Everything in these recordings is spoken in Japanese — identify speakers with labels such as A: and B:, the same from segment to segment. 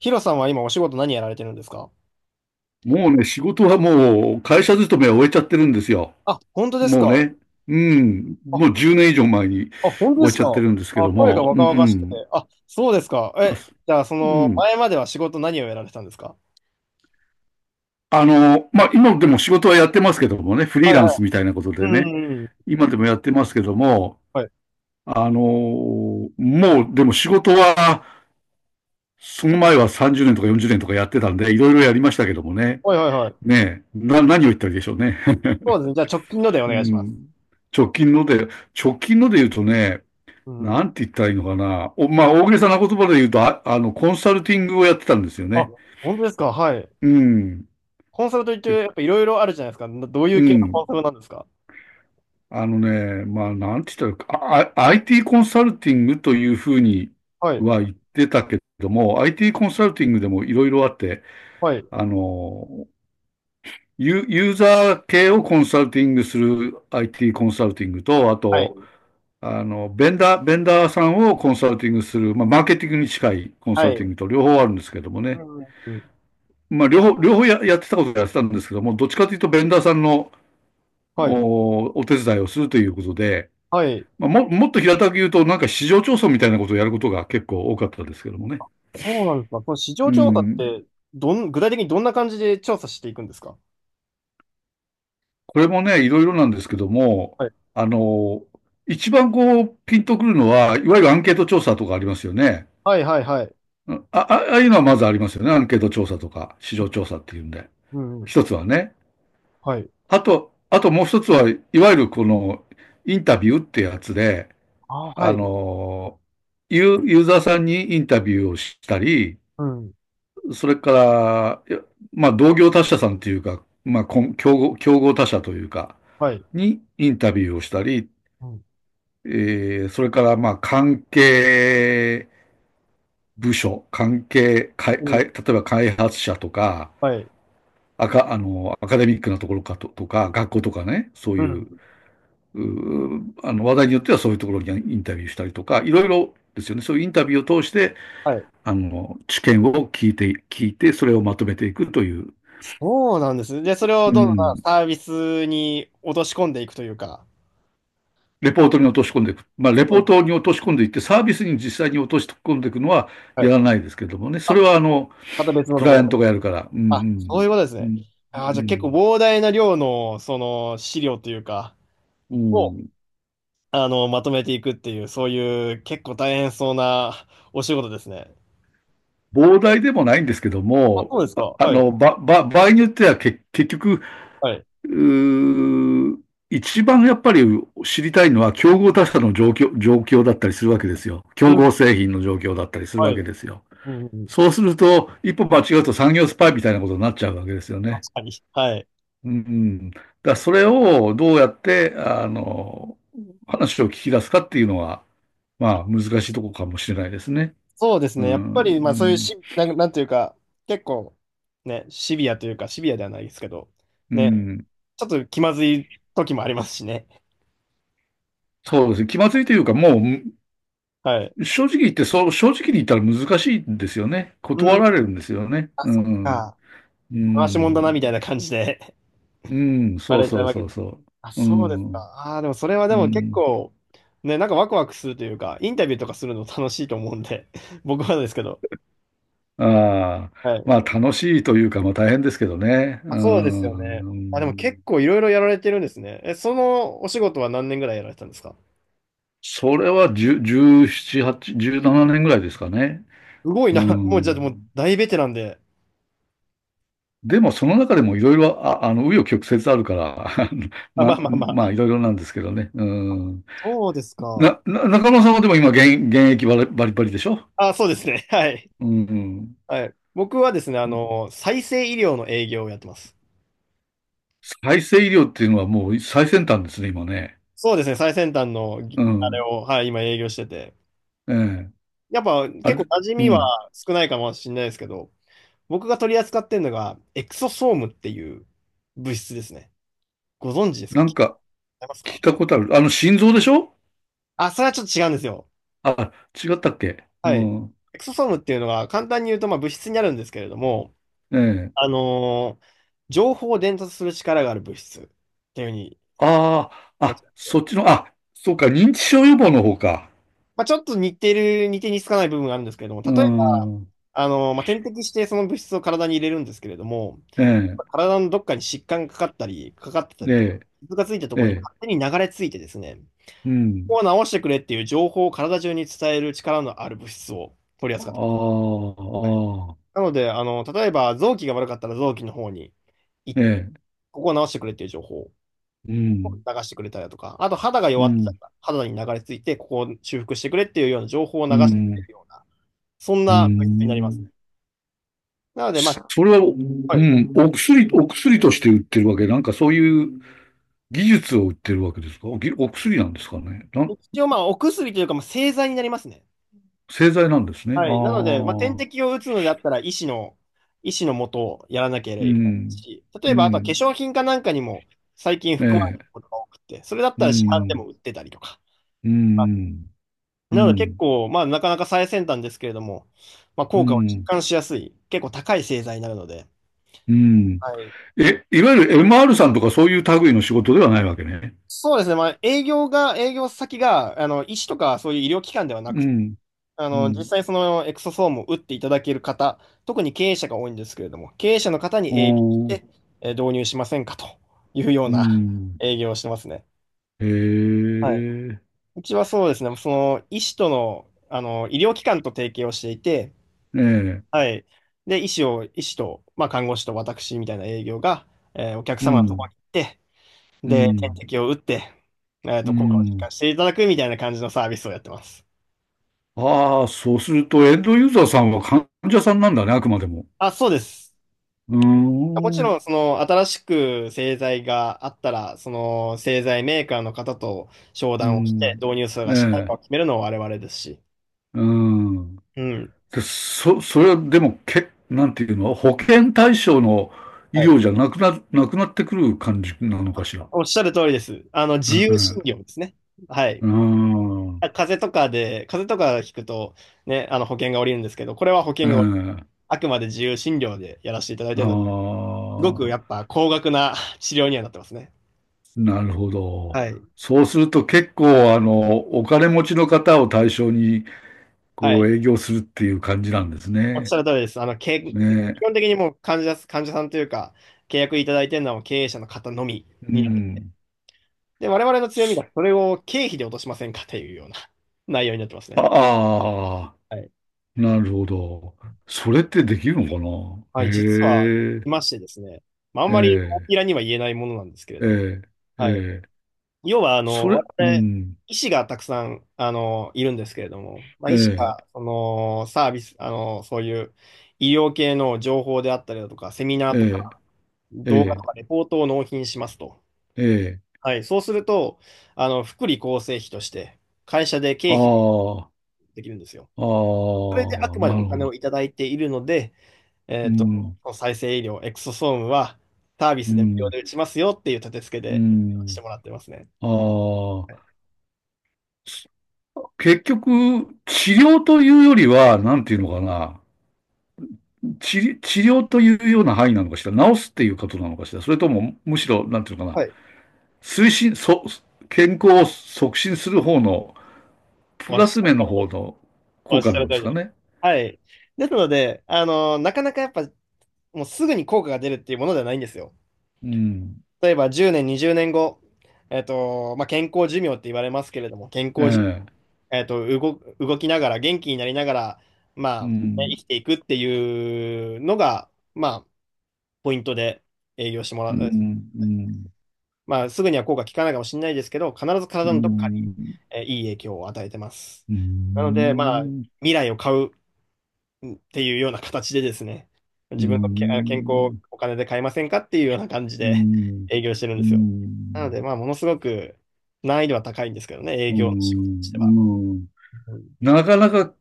A: ヒロさんは今お仕事何やられてるんですか？
B: もうね、仕事はもう会社勤めは終えちゃってるんですよ。
A: あ、本当です
B: もう
A: か？
B: ね。うん。
A: あ、
B: もう10年以上前に
A: あ、本当
B: 終
A: で
B: え
A: す
B: ちゃって
A: か？
B: るんですけ
A: あ、
B: ど
A: 声が
B: も。う
A: 若々しくて。
B: ん。
A: あ、そうですか。
B: あ、
A: え、
B: す
A: じゃあそ
B: う
A: の
B: ん。
A: 前までは仕事何をやられてたんですか？
B: まあ、今でも仕事はやってますけどもね、フリー
A: はい
B: ラン
A: は
B: スみたいなこと
A: い。う
B: で
A: ん
B: ね、
A: うんうん。
B: 今でもやってますけども、
A: はい。
B: あの、もうでも仕事は、その前は30年とか40年とかやってたんで、いろいろやりましたけどもね。
A: はいはいはい。
B: ねえ、何を言ったらいいでしょうね。
A: そうですね。じゃあ直近のでお
B: う
A: 願いします。
B: ん。直近ので、直近ので言うとね、
A: うん。
B: なんて言ったらいいのかな。まあ、大げさな言葉で言うと、コンサルティングをやってたんですよ
A: あ、
B: ね。
A: 本当ですか？はい。
B: うん。
A: コンサルといって
B: で、
A: やっぱいろいろあるじゃないですか。な、どうい
B: う
A: う系のコン
B: ん。
A: サルなんですか？
B: まあ、なんて言ったらIT コンサルティングというふうに
A: はい。
B: は言ってたけども、IT コンサルティングでもいろいろあって、
A: はい。
B: あの、ユーザー系をコンサルティングする IT コンサルティングと、あ
A: は
B: と、
A: い。
B: ベンダーさんをコンサルティングする、まあ、マーケティングに近いコンサ
A: は
B: ル
A: い。
B: ティングと両方あるんですけども
A: う
B: ね。
A: んうん。
B: まあ、両方やってたことをやってたんですけども、どっちかというと、ベンダーさんの
A: はい。
B: お手伝いをするということで、
A: はい。
B: まあ、もっと平たく言うと、なんか市場調査みたいなことをやることが結構多かったですけどもね。
A: そうなんですか。この市
B: う
A: 場調査っ
B: ん。
A: て、どん、具体的にどんな感じで調査していくんですか？
B: これもね、いろいろなんですけども、あの、一番こう、ピンとくるのは、いわゆるアンケート調査とかありますよね。
A: はいはいはい。
B: ああいうのはまずありますよね。アンケート調査とか、市
A: う
B: 場調
A: ん。
B: 査っていうんで。
A: うんうん。
B: 一つはね。
A: はい。
B: あと、あともう一つは、いわゆるこの、インタビューってやつで、
A: あー、は
B: あ
A: い。
B: の、ユーザーさんにインタビューをしたり、
A: うん。
B: それから、いや、まあ、同業他社さんというか、まあ、こん競合、競合他社というか、
A: はい。
B: にインタビューをしたり、
A: うん
B: それから、まあ、関係部署、関係、かい
A: う
B: か
A: ん、
B: い例えば開発者とか、
A: はい。
B: アカデミックなところかと、とか、学校とかね、そう
A: う
B: いう、
A: ん。
B: うあの、話題によってはそういうところにインタビューしたりとか、いろいろですよね。そういうインタビューを通して、
A: はい。
B: 知見を聞いて、聞いて、それをまとめていくという、
A: そうなんです。で、それを
B: う
A: どんどん
B: ん、
A: サービスに落とし込んでいくというか。
B: レポートに落とし込んでいく。まあ、レポ
A: うん。
B: ートに落とし込んでいって、サービスに実際に落とし込んでいくのは
A: は
B: や
A: い。
B: らないですけどもね。それは、
A: また別の
B: ク
A: と
B: ラ
A: こ
B: イアン
A: ろ
B: ト
A: で。
B: がやるから。う
A: あ、そう
B: ん、
A: いうことです
B: う
A: ね。
B: ん、う
A: あー、じゃあ結構
B: ん、
A: 膨大な量の、その、資料というか、
B: う
A: を、
B: ん、
A: あの、まとめていくっていう、そういう結構大変そうなお仕事ですね。
B: 膨大でもないんですけど
A: あ、
B: も、
A: そうですか。
B: あ
A: はい。
B: の、ば、ば、場合によっては結局、
A: はい。
B: うー一番やっぱり知りたいのは競合他社の状況、状況だったりするわけですよ。競
A: うん。
B: 合製品の状況だったりする
A: は
B: わけ
A: い。
B: ですよ。
A: うんうん。
B: そうすると、一歩間違うと産業スパイみたいなことになっちゃうわけですよね。
A: 確かに。はい。
B: うん。だからそれをどうやって、話を聞き出すかっていうのは、まあ、難しいとこかもしれないですね。
A: そうです
B: う
A: ね。やっ
B: ん。
A: ぱり、
B: う
A: まあそういう
B: ん。
A: し、なん、なんていうか、結構、ね、シビアというか、シビアではないですけど、
B: う
A: ね、
B: ん。
A: ちょっと気まずい時もありますしね。あ、
B: そうですね。気まずいというか、も
A: はい。
B: う、正直言って、そう、正直に言ったら難しいんですよね。
A: う
B: 断
A: ん、
B: られるんですよね。
A: あ、
B: う
A: そっ
B: ん。
A: か。
B: う
A: 回しもんだな、み
B: ん。
A: たいな感じで 言
B: うん。
A: わ
B: そう
A: れちゃ
B: そ
A: う
B: う
A: わけ
B: そう
A: です。
B: そ
A: あ、
B: う。う
A: そうですか。
B: ん。
A: ああ、でもそれは
B: う
A: でも結
B: ん。
A: 構、ね、なんかワクワクするというか、インタビューとかするの楽しいと思うんで、僕はですけど。
B: ああ、
A: はい。
B: まあ楽しいというか、まあ大変ですけどね。
A: あ、
B: う
A: そうですよね。あ、でも
B: ん。
A: 結構いろいろやられてるんですね。え、そのお仕事は何年ぐらいやられてたんですか？
B: それは10 17、8、17年ぐらいですかね。
A: すごい
B: う
A: な。もう、じゃあ、もう、
B: ん。
A: 大ベテランで。
B: でもその中でもいろいろ、紆余曲折あるから、あの
A: あ、まあ
B: な、
A: まあま
B: まあ
A: あ。
B: いろいろなんですけどね。うん。
A: そうですか。
B: 中野さんはでも今現役バリバリバリでしょ？
A: あ、そうですね。はい。
B: うん。
A: はい。僕はですね、あの、再生医療の営業をやってます。
B: 再生医療っていうのはもう最先端ですね、今ね。
A: そうですね、最先端の、
B: う
A: ぎあれ
B: ん。
A: を、はい、今営業してて。
B: ええ。
A: やっぱ、
B: あ
A: 結構
B: れ、
A: 馴染
B: う
A: みは
B: ん。
A: 少ないかもしれないですけど、僕が取り扱ってるのが、エクソソームっていう物質ですね。ご存知ですか？
B: な
A: 聞
B: ん
A: い
B: か
A: てますか？
B: 聞いたことある。あの、心臓でしょ？
A: あ、それはちょっと違うんですよ。
B: あ、違ったっけ？う
A: はい。
B: ん。
A: エクソソームっていうのが、簡単に言うと、まあ、物質になるんですけれども、
B: ええ。
A: あのー情報を伝達する力がある物質っていうふうに言
B: ああ、
A: われ
B: あ、
A: てて、
B: そっちの、あ、そうか、認知症予防の方か。
A: まあ、ちょっと似てる、似て似つかない部分があるんですけれども、例
B: う
A: えば、
B: ん。
A: まあ、点滴してその物質を体に入れるんですけれども、
B: ええ、
A: 体のどっかに疾患がかかったり、かかってたりとか、
B: え
A: 傷がついたと
B: え、え
A: ころに
B: え、
A: 勝手に流れ着いてですね、
B: うん。
A: ここを治してくれっていう情報を体中に伝える力のある物質を取り
B: あ
A: 扱ってます。はい。
B: あ、ああ、
A: なので、あの、例えば臓器が悪かったら臓器の方に、い、
B: ええ、
A: ここを治してくれっていう情報。
B: うん、
A: 流してくれたりだとか、あと肌が
B: う
A: 弱ってた
B: ん、
A: ら、肌に流れ着いて、ここを修復してくれっていうような情報を流
B: う
A: してくれ
B: ん、
A: るような、そん
B: う
A: な物質になりますね。
B: ん。
A: なので、まあ、
B: それは、う
A: はい、
B: ん、お薬、お薬として売ってるわけ、なんかそういう技術を売ってるわけですか？お薬なんですかね。なん、
A: 一応、まあ、お薬というか、まあ、製剤になりますね。
B: 製剤なんですね。あ
A: はい。なので、まあ、点
B: あ、
A: 滴を打つのであったら、医師の、医師のもとをやらなければ
B: う
A: いけない
B: ん、
A: し、例
B: う
A: えば、あとは化
B: ん、
A: 粧品かなんかにも最近
B: え
A: 含まれてる
B: え。
A: ことが多くて、それだっ
B: う
A: たら市販で
B: ん、
A: も売ってたりとか。
B: うん、う
A: なので、結
B: ん、
A: 構、まあ、なかなか最先端ですけれども、まあ、
B: う
A: 効果を実
B: ん、
A: 感しやすい、結構高い製剤になるので、
B: うん。
A: はい。
B: え、いわゆる MR さんとかそういう類の仕事ではないわけね。
A: そうですね。まあ、営業が、営業先が、あの、医師とかそういう医療機関ではな
B: う
A: く、
B: ん、
A: あ
B: う
A: の、実
B: ん、
A: 際そのエクソソームを打っていただける方、特に経営者が多いんですけれども、経営者の方
B: お
A: に営業し
B: ー、
A: て導入しませんかというよう
B: う
A: な
B: ん、
A: 営業をしてますね。
B: へ
A: はい。
B: え、
A: うちはそうですね。その、医師との、あの、医療機関と提携をしていて、
B: ええ、
A: はい。で、医師を、医師と、まあ、看護師と私みたいな営業が、お客
B: う
A: 様のところ
B: ん、
A: に行って、
B: う
A: で、点
B: ん、
A: 滴を打って、えっ
B: う
A: と、効果を実感
B: ん。
A: していただくみたいな感じのサービスをやってます。
B: ああ、そうするとエンドユーザーさんは患者さんなんだね、あくまでも。
A: あ、そうです。
B: うー
A: もち
B: ん、う
A: ろん、その、新しく製剤があったら、その、製剤メーカーの方と商談をして、
B: ん、
A: 導入数
B: え
A: がしないか
B: え、
A: を決めるのは我々ですし。
B: うん。
A: うん。
B: で、それはでも、なんていうの、保険対象の医
A: はい。
B: 療じゃなくなってくる感じなのかしら。
A: おっしゃる通りです。あの、
B: う
A: 自由
B: ん。
A: 診療ですね。はい。
B: うん。
A: 風邪とかで、風邪とか聞くと、ね、あの、保険が下りるんですけど、これは保
B: う
A: 険が、
B: ん。
A: あくまで自由診療でやらせていただい
B: あ
A: ているので、すごく
B: あ、
A: やっぱ高額な治療にはなってますね。
B: なるほど。
A: はい。
B: そうすると結構、あの、お金持ちの方を対象に、
A: は
B: こう、
A: い。
B: 営業するっていう感じなんです
A: おっし
B: ね。
A: ゃる通りです。あの、け、基
B: ね。
A: 本的にもう患者、患者さんというか、契約いただいてるのはもう経営者の方のみ
B: う
A: になってる。
B: ん。
A: で、我々の強みがそれを経費で落としませんかというような 内容になってますね。
B: ああ、
A: はい。
B: なるほど。それってできるのか
A: は
B: な？
A: い、実は、
B: へ
A: い
B: え、
A: ましてですね。まあ、あん
B: え
A: まり大き
B: え。
A: らには言えないものなんですけれ
B: え
A: ども。
B: え、え
A: はい。
B: え、
A: 要は、あの、
B: それ、
A: 我
B: う
A: 々、
B: ん、
A: 医師がたくさん、あの、いるんですけれども、まあ、
B: え
A: 医師が、
B: え、
A: その、サービス、あの、そういう医療系の情報であったりだとか、セミナ
B: え
A: ーと
B: え、
A: か、
B: え
A: 動画
B: え、
A: とかレポートを納品しますと。
B: ええ、
A: はい。そうすると、あの、福利厚生費として、会社で経費
B: ああ、
A: できるんですよ。
B: あ
A: それであ
B: あ、
A: くまで
B: な
A: お
B: るほ
A: 金
B: ど。
A: をいただいているので、え
B: う
A: っと、
B: ん、
A: 再生医療、エクソソームはサービ
B: う
A: スで無料
B: ん、
A: で打ちますよっていう立て付け
B: う
A: でして
B: ん。
A: もらってますね。
B: ああ、す結局、治療というよりは、なんていうのかな、治療というような範囲なのかしら、治すっていうことなのかしら、それとも、むしろ、なんていうのかな、
A: はい。
B: 推進、健康を促進する方の、
A: お
B: プ
A: 待
B: ラ
A: ちし
B: ス
A: てる
B: 面
A: 通
B: の
A: り
B: 方
A: です。
B: の
A: お
B: 効
A: 待ち
B: 果
A: して
B: な
A: る
B: ん
A: 通
B: で
A: り
B: す
A: で
B: か
A: す。
B: ね。
A: はい。ですので、あの、なかなかやっぱ、もうすぐに効果が出るっていうものではないんですよ。
B: うん、
A: 例えば10年、20年後、えっと、まあ、健康寿命って言われますけれども、健
B: え
A: 康寿
B: え。
A: 命、えっと、動、動きながら、元気になりながら、ま
B: う
A: あ、ね、生
B: ん、
A: きていくっていうのが、まあ、ポイントで営業してもら
B: う
A: う。
B: ん、うん、
A: まあ、すぐには効果効かないかもしれないですけど、必ず
B: う
A: 体のどっか
B: ん、
A: に、
B: うん、
A: いい影響を与えてます。
B: う
A: なので、まあ、
B: ん、
A: 未来を買うっていうような形でですね、
B: う
A: 自分のけあ健康を
B: ん、
A: お金で買えませんかっていうような感じ
B: う
A: で
B: ん、
A: 営業してるんですよ。なので、まあ、ものすごく難易度は高いんですけどね、営
B: う
A: 業の仕事としては。
B: ん、うん。
A: うん、
B: なかなか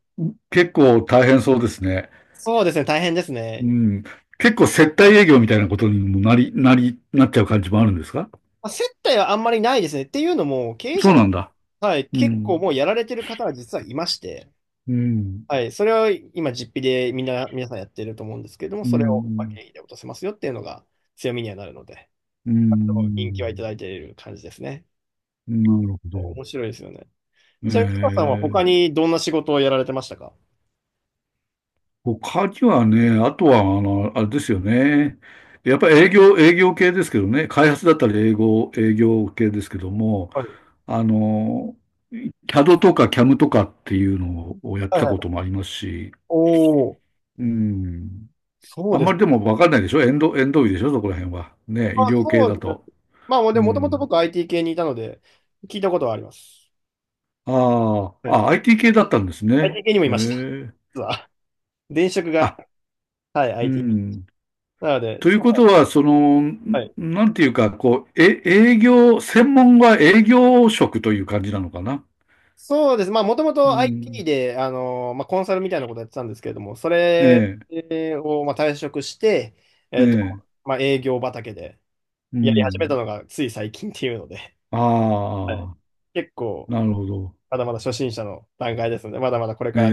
B: 結構大変そうですね。
A: そうですね、大変です
B: う
A: ね。
B: ん。結構接待営業みたいなことにもなっちゃう感じもあるんですか？
A: まあ、接待はあんまりないですね。っていうのも、経営
B: そ
A: 者
B: う
A: の
B: な
A: 方、
B: んだ。
A: はい、
B: う
A: 結構
B: ん、
A: もうやられてる方は実はいまして、
B: うん、
A: はい、それを今、実費でみんな、皆さんやってると思うんですけれども、
B: う
A: それをまあ
B: ん、
A: 経費で落とせますよっていうのが強みにはなるので、
B: う
A: 人気はいた
B: ん、
A: だいている感じですね。
B: うん、なるほ
A: はい、
B: ど。
A: 面白いですよね。ちなみに、北さんは
B: え
A: 他
B: え。
A: にどんな仕事をやられてましたか？
B: 他にはね、あとは、あの、あれですよね。やっぱり営業、営業系ですけどね。開発だったら営業系ですけども、
A: はい。
B: あの、CAD とか CAM とかっていうのをやっ
A: は
B: て
A: い
B: た
A: は
B: こ
A: い。
B: ともありますし、
A: おお、
B: うん。
A: そ
B: あ
A: う
B: ん
A: で
B: ま
A: す
B: り
A: ね。
B: でもわかんないでしょ、エンド医でしょ、そこら辺は。ね、医
A: あ、
B: 療系
A: そうで
B: だ
A: す
B: と。
A: ね。まあ、で
B: う
A: も、もともと
B: ん。
A: 僕 IT 系にいたので、聞いたことはあります。
B: あ
A: は
B: あ、
A: い。
B: あ、IT 系だったんですね。
A: IT 系にもい
B: へ
A: ました。
B: え。
A: 実は。前職が、
B: あ、
A: はい、
B: う
A: IT。
B: ん。
A: なので、
B: という
A: 塚さ
B: ことは、その、
A: ん、はい。
B: なんていうか、こう、え、専門は営業職という感じなのかな？
A: そうです。まあ、もとも
B: う
A: と IT
B: ん。
A: で、あのまあ、コンサルみたいなことやってたんですけれども、そ
B: え
A: れ
B: え、
A: を、まあ、退職して、
B: え
A: えっと、
B: え、
A: まあ、営業畑で
B: う
A: やり始めた
B: ん。
A: のがつい最近っていうので、はい、
B: ああ、
A: 結構、
B: なるほど。
A: まだまだ初心者の段階ですので、まだまだこれ
B: え
A: から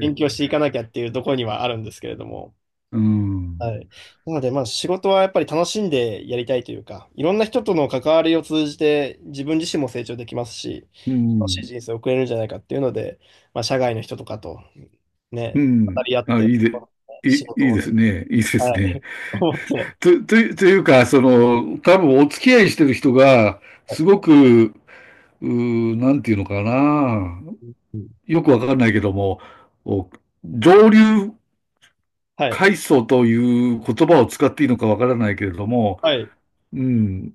A: 勉強していかなきゃっていうところにはあるんですけれども。
B: うん、
A: はい。なので、まあ仕事はやっぱり楽しんでやりたいというか、いろんな人との関わりを通じて自分自身も成長できますし、
B: う
A: 楽しい
B: ん、
A: 人生を送れるんじゃないかっていうので、まあ社外の人とかと
B: う
A: ね、語
B: ん。
A: り合っ
B: あ、
A: て、このね
B: い
A: 仕
B: い、
A: 事
B: いい
A: を
B: で
A: ね、
B: すね。いいです
A: は
B: ね。
A: い、思って、
B: というか、その、多分お付き合いしてる人が、
A: はい。
B: すごく、なんていうのかな。
A: うん、
B: よくわかんないけども、お上流
A: はい。
B: 階層という言葉を使っていいのかわからないけれども、
A: はい。
B: うん、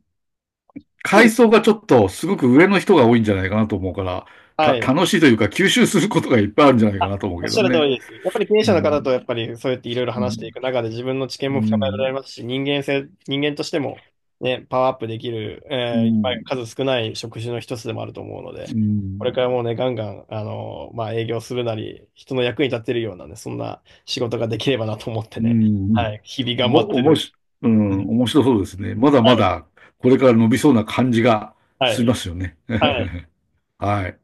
A: そう
B: 階
A: で
B: 層
A: す、
B: がちょっとすごく上の人が多いんじゃないかなと思うから、
A: はい。
B: 楽しいというか吸収することがいっぱいあるんじゃないかなと思う
A: おっ
B: け
A: し
B: ど
A: ゃる通
B: ね。
A: りです。やっぱり経営
B: う
A: 者の方
B: ん、
A: とやっぱりそうやっていろいろ
B: う
A: 話してい
B: ん、
A: く中で自分の知見
B: う
A: も深められ
B: ん、
A: ますし、人間性、人間としてもね、パワーアップできる、
B: う
A: やっぱ
B: ん、
A: り数少ない職種の一つでもあると思うので、
B: う
A: こ
B: ん、
A: れからもうね、ガンガン、あのまあ、営業するなり、人の役に立てるようなね、そんな仕事ができればなと思って
B: う
A: ね、
B: ん、
A: はい、日々頑張っ
B: も、
A: て
B: おも
A: る。
B: し、う
A: は
B: ん、面白そうですね。まだ
A: い、
B: まだこれから伸びそうな感じが
A: は
B: し
A: い、
B: ますよね。
A: はい。
B: はい。